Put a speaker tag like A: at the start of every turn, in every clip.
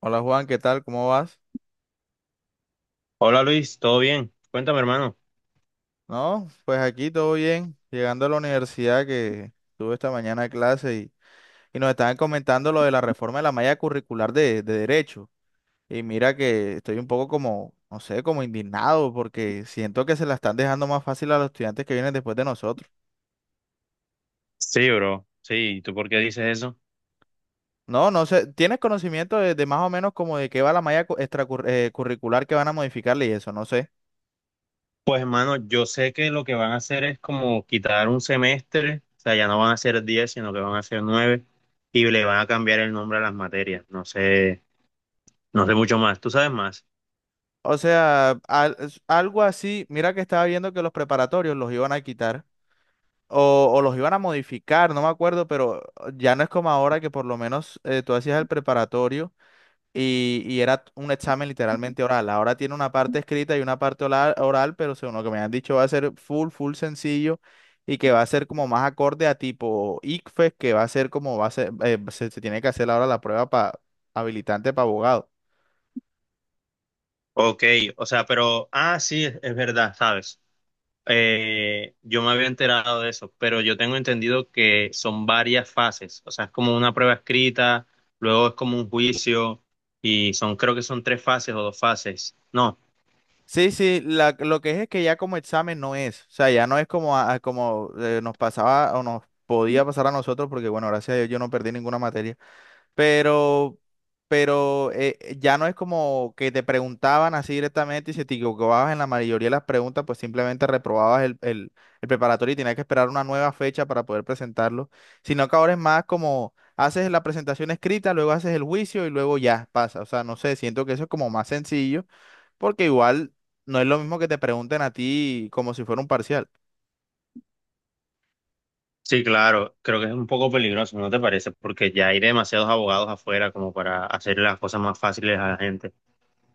A: Hola Juan, ¿qué tal? ¿Cómo vas?
B: Hola Luis, ¿todo bien? Cuéntame, hermano.
A: No, pues aquí todo bien, llegando a la universidad que tuve esta mañana clase y nos estaban comentando lo de la reforma de la malla curricular de derecho. Y mira que estoy un poco como, no sé, como indignado porque siento que se la están dejando más fácil a los estudiantes que vienen después de nosotros.
B: Sí, bro. Sí, ¿y tú por qué dices eso?
A: No, no sé, ¿tienes conocimiento de más o menos como de qué va la malla curricular que van a modificarle y eso? No sé.
B: Pues, hermano, yo sé que lo que van a hacer es como quitar un semestre, o sea, ya no van a ser 10 sino que van a ser 9 y le van a cambiar el nombre a las materias. No sé, no sé mucho más. ¿Tú sabes más?
A: O sea, algo así, mira que estaba viendo que los preparatorios los iban a quitar. O los iban a modificar, no me acuerdo, pero ya no es como ahora que por lo menos tú hacías el preparatorio y era un examen literalmente oral. Ahora tiene una parte escrita y una parte oral, pero según lo que me han dicho va a ser full sencillo y que va a ser como más acorde a tipo ICFES, que va a ser como va a ser, se tiene que hacer ahora la prueba habilitante para abogado.
B: Ok, o sea, pero, ah, sí, es verdad, ¿sabes? Yo me había enterado de eso, pero yo tengo entendido que son varias fases, o sea, es como una prueba escrita, luego es como un juicio y son, creo que son tres fases o dos fases. No,
A: Sí, sí, lo que es que ya como examen no es, o sea, ya no es como, nos pasaba o nos podía pasar a nosotros, porque bueno, gracias a Dios yo no perdí ninguna materia, pero, ya no es como que te preguntaban así directamente y si te equivocabas en la mayoría de las preguntas, pues simplemente reprobabas el preparatorio y tenías que esperar una nueva fecha para poder presentarlo, sino que ahora es más como haces la presentación escrita, luego haces el juicio y luego ya pasa, o sea, no sé, siento que eso es como más sencillo. Porque igual no es lo mismo que te pregunten a ti como si fuera un parcial.
B: sí, claro, creo que es un poco peligroso, ¿no te parece? Porque ya hay demasiados abogados afuera como para hacer las cosas más fáciles a la gente.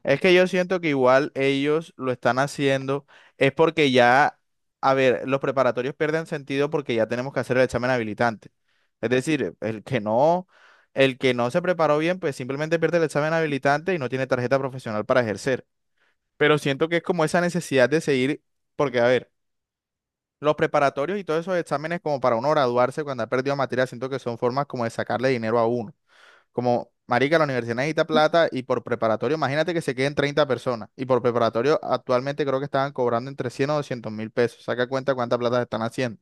A: Es que yo siento que igual ellos lo están haciendo, es porque ya, a ver, los preparatorios pierden sentido porque ya tenemos que hacer el examen habilitante. Es decir, el que no se preparó bien, pues simplemente pierde el examen habilitante y no tiene tarjeta profesional para ejercer. Pero siento que es como esa necesidad de seguir, porque a ver, los preparatorios y todos esos exámenes como para uno graduarse cuando ha perdido materia, siento que son formas como de sacarle dinero a uno. Como, marica, la universidad necesita plata y por preparatorio, imagínate que se queden 30 personas. Y por preparatorio, actualmente creo que estaban cobrando entre 100 o 200.000 pesos. Saca cuenta cuánta plata están haciendo.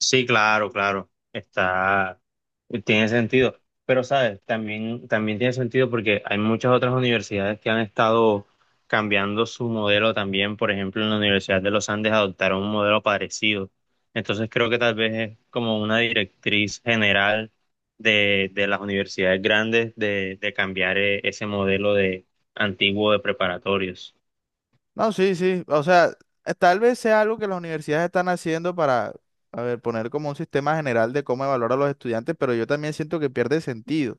B: Sí, claro, claro. Está, tiene sentido. Pero, ¿sabes? También, también tiene sentido porque hay muchas otras universidades que han estado cambiando su modelo también. Por ejemplo, en la Universidad de los Andes adoptaron un modelo parecido. Entonces, creo que tal vez es como una directriz general de las universidades grandes de cambiar ese modelo de antiguo de preparatorios.
A: No, sí, sí. O sea, tal vez sea algo que las universidades están haciendo para, a ver, poner como un sistema general de cómo evaluar a los estudiantes, pero yo también siento que pierde sentido.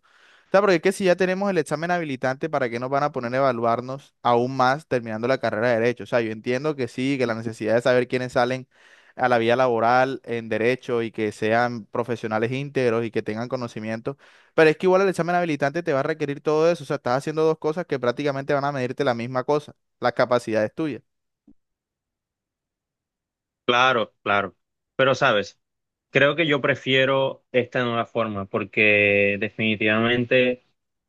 A: Sea, porque es que si ya tenemos el examen habilitante, ¿para qué nos van a poner a evaluarnos aún más terminando la carrera de Derecho? O sea, yo entiendo que sí, que la necesidad de saber quiénes salen a la vía laboral en Derecho y que sean profesionales íntegros y que tengan conocimiento, pero es que igual el examen habilitante te va a requerir todo eso. O sea, estás haciendo dos cosas que prácticamente van a medirte la misma cosa, las capacidades tuyas.
B: Claro, claro. Pero, ¿sabes? Creo que yo prefiero esta nueva forma porque definitivamente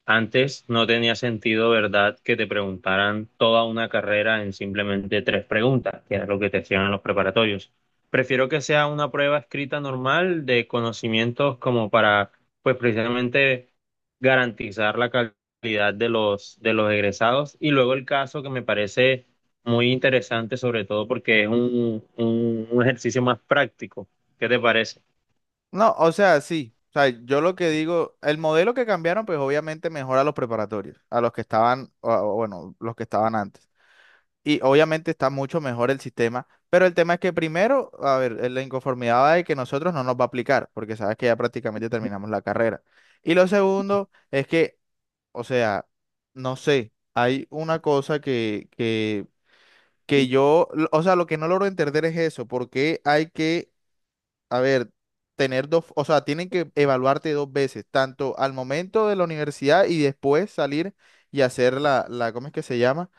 B: antes no tenía sentido, ¿verdad?, que te preguntaran toda una carrera en simplemente tres preguntas, que era lo que te hacían en los preparatorios. Prefiero que sea una prueba escrita normal de conocimientos como para, pues precisamente garantizar la calidad de los egresados. Y luego el caso que me parece muy interesante, sobre todo porque es un, un ejercicio más práctico. ¿Qué te parece?
A: No, o sea, sí. O sea, yo lo que digo, el modelo que cambiaron, pues obviamente mejora a los preparatorios, a los que estaban, o bueno, los que estaban antes. Y obviamente está mucho mejor el sistema, pero el tema es que primero, a ver, la inconformidad va de que nosotros no nos va a aplicar, porque sabes que ya prácticamente terminamos la carrera. Y lo segundo es que, o sea, no sé, hay una cosa que yo, o sea, lo que no logro entender es eso, porque hay que, a ver, tener dos, o sea, tienen que evaluarte dos veces, tanto al momento de la universidad y después salir y hacer ¿cómo es que se llama?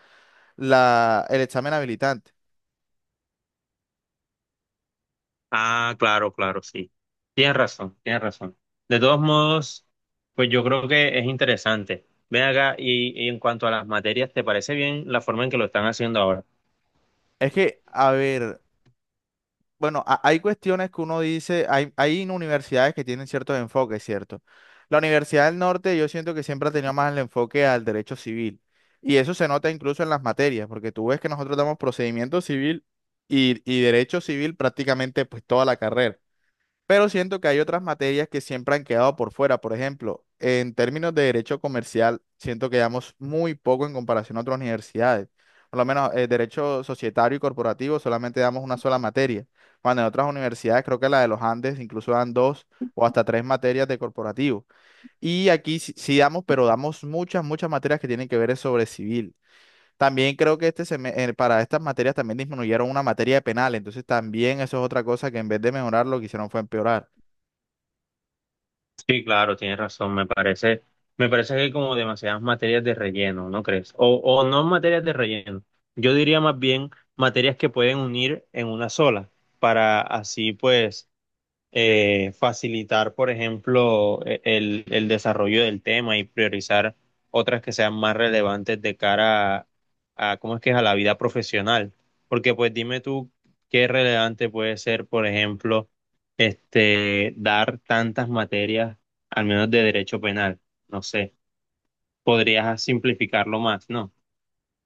A: La, el examen habilitante.
B: Ah, claro, claro, sí. Tienes razón, tienes razón. De todos modos, pues yo creo que es interesante. Ven acá, y en cuanto a las materias, ¿te parece bien la forma en que lo están haciendo ahora?
A: Es que, a ver, bueno, hay cuestiones que uno dice, hay universidades que tienen ciertos enfoques, ¿cierto? La Universidad del Norte yo siento que siempre ha tenido más el enfoque al derecho civil. Y eso se nota incluso en las materias, porque tú ves que nosotros damos procedimiento civil y derecho civil prácticamente pues toda la carrera. Pero siento que hay otras materias que siempre han quedado por fuera. Por ejemplo, en términos de derecho comercial, siento que llevamos muy poco en comparación a otras universidades. Por lo menos derecho societario y corporativo solamente damos una sola materia. Cuando en otras universidades, creo que la de los Andes, incluso dan dos o hasta tres materias de corporativo. Y aquí sí, sí damos, pero damos muchas materias que tienen que ver es sobre civil. También creo que para estas materias también disminuyeron una materia de penal. Entonces también eso es otra cosa que en vez de mejorar lo que hicieron fue empeorar.
B: Sí, claro, tienes razón. Me parece que hay como demasiadas materias de relleno, ¿no crees? O no materias de relleno. Yo diría más bien materias que pueden unir en una sola, para así pues facilitar, por ejemplo, el desarrollo del tema y priorizar otras que sean más relevantes de cara a, ¿cómo es que es?, a la vida profesional. Porque pues dime tú qué relevante puede ser, por ejemplo, este, dar tantas materias, al menos de derecho penal. No sé, podrías simplificarlo más, ¿no?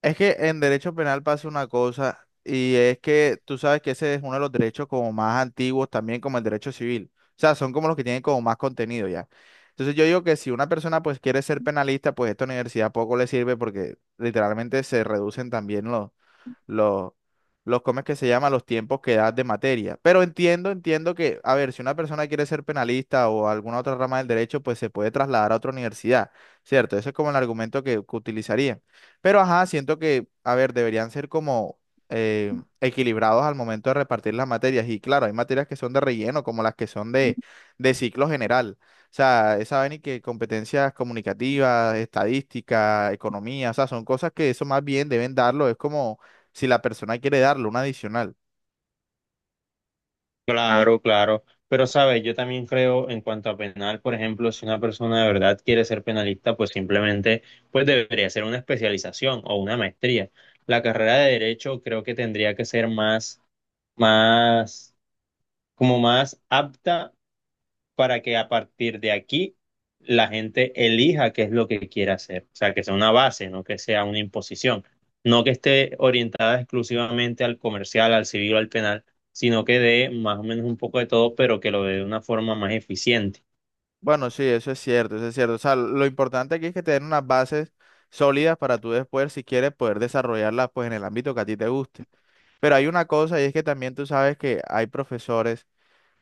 A: Es que en derecho penal pasa una cosa y es que tú sabes que ese es uno de los derechos como más antiguos también como el derecho civil. O sea, son como los que tienen como más contenido ya. Entonces yo digo que si una persona pues quiere ser penalista, pues esta universidad poco le sirve porque literalmente se reducen también los, ¿cómo es que se llama? Los tiempos que das de materia. Pero entiendo que, a ver, si una persona quiere ser penalista o alguna otra rama del derecho, pues se puede trasladar a otra universidad, ¿cierto? Ese es como el argumento que utilizarían. Pero, ajá, siento que, a ver, deberían ser como… eh, equilibrados al momento de repartir las materias y claro, hay materias que son de relleno como las que son de ciclo general, o sea, esa vaina y que competencias comunicativas, estadística, economía, o sea, son cosas que eso más bien deben darlo. Es como si la persona quiere darle una adicional.
B: Claro, claro. Pero, sabes, yo también creo en cuanto a penal, por ejemplo, si una persona de verdad quiere ser penalista, pues simplemente pues debería ser una especialización o una maestría. La carrera de derecho creo que tendría que ser más, más, como más apta para que a partir de aquí la gente elija qué es lo que quiere hacer. O sea, que sea una base, no que sea una imposición. No que esté orientada exclusivamente al comercial, al civil o al penal, sino que dé más o menos un poco de todo, pero que lo dé de una forma más eficiente.
A: Bueno, sí, eso es cierto, eso es cierto. O sea, lo importante aquí es que te den unas bases sólidas para tú después, si quieres, poder desarrollarlas pues en el ámbito que a ti te guste. Pero hay una cosa y es que también tú sabes que hay profesores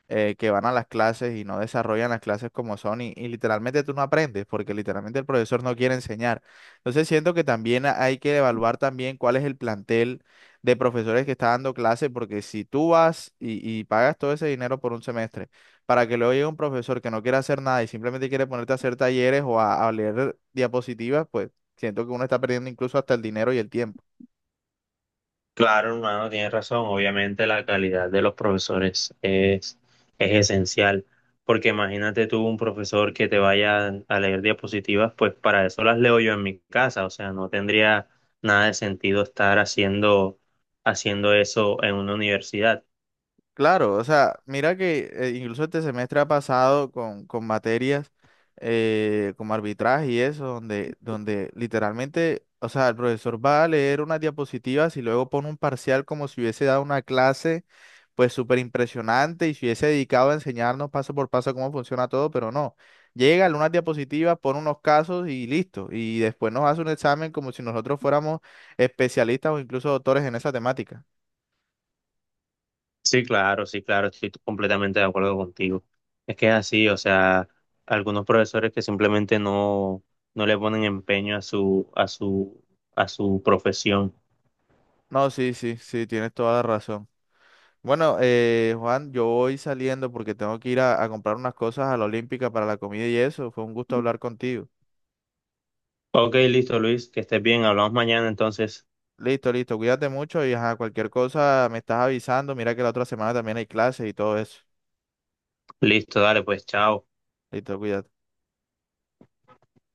A: que van a las clases y no desarrollan las clases como son y literalmente tú no aprendes porque literalmente el profesor no quiere enseñar. Entonces siento que también hay que evaluar también cuál es el plantel de profesores que está dando clases porque si tú vas y pagas todo ese dinero por un semestre para que luego llegue un profesor que no quiere hacer nada y simplemente quiere ponerte a hacer talleres o a leer diapositivas, pues siento que uno está perdiendo incluso hasta el dinero y el tiempo.
B: Claro, hermano, tienes razón. Obviamente la calidad de los profesores es esencial, porque imagínate tú un profesor que te vaya a leer diapositivas, pues para eso las leo yo en mi casa, o sea, no tendría nada de sentido estar haciendo, haciendo eso en una universidad.
A: Claro, o sea, mira que incluso este semestre ha pasado con materias como arbitraje y eso, donde literalmente, o sea, el profesor va a leer unas diapositivas y luego pone un parcial como si hubiese dado una clase, pues súper impresionante y se hubiese dedicado a enseñarnos paso por paso cómo funciona todo, pero no. Llega, lee unas diapositivas, pone unos casos y listo. Y después nos hace un examen como si nosotros fuéramos especialistas o incluso doctores en esa temática.
B: Sí, claro, sí, claro, estoy completamente de acuerdo contigo. Es que es así, o sea, algunos profesores que simplemente no, no le ponen empeño a su, a su, a su profesión.
A: No, sí, sí, sí, tienes toda la razón. Bueno, Juan, yo voy saliendo porque tengo que ir a comprar unas cosas a la Olímpica para la comida y eso. Fue un gusto hablar contigo.
B: Ok, listo, Luis, que estés bien, hablamos mañana entonces.
A: Listo, listo. Cuídate mucho y ajá, cualquier cosa me estás avisando. Mira que la otra semana también hay clases y todo eso.
B: Listo, dale, pues, chao.
A: Listo, cuídate.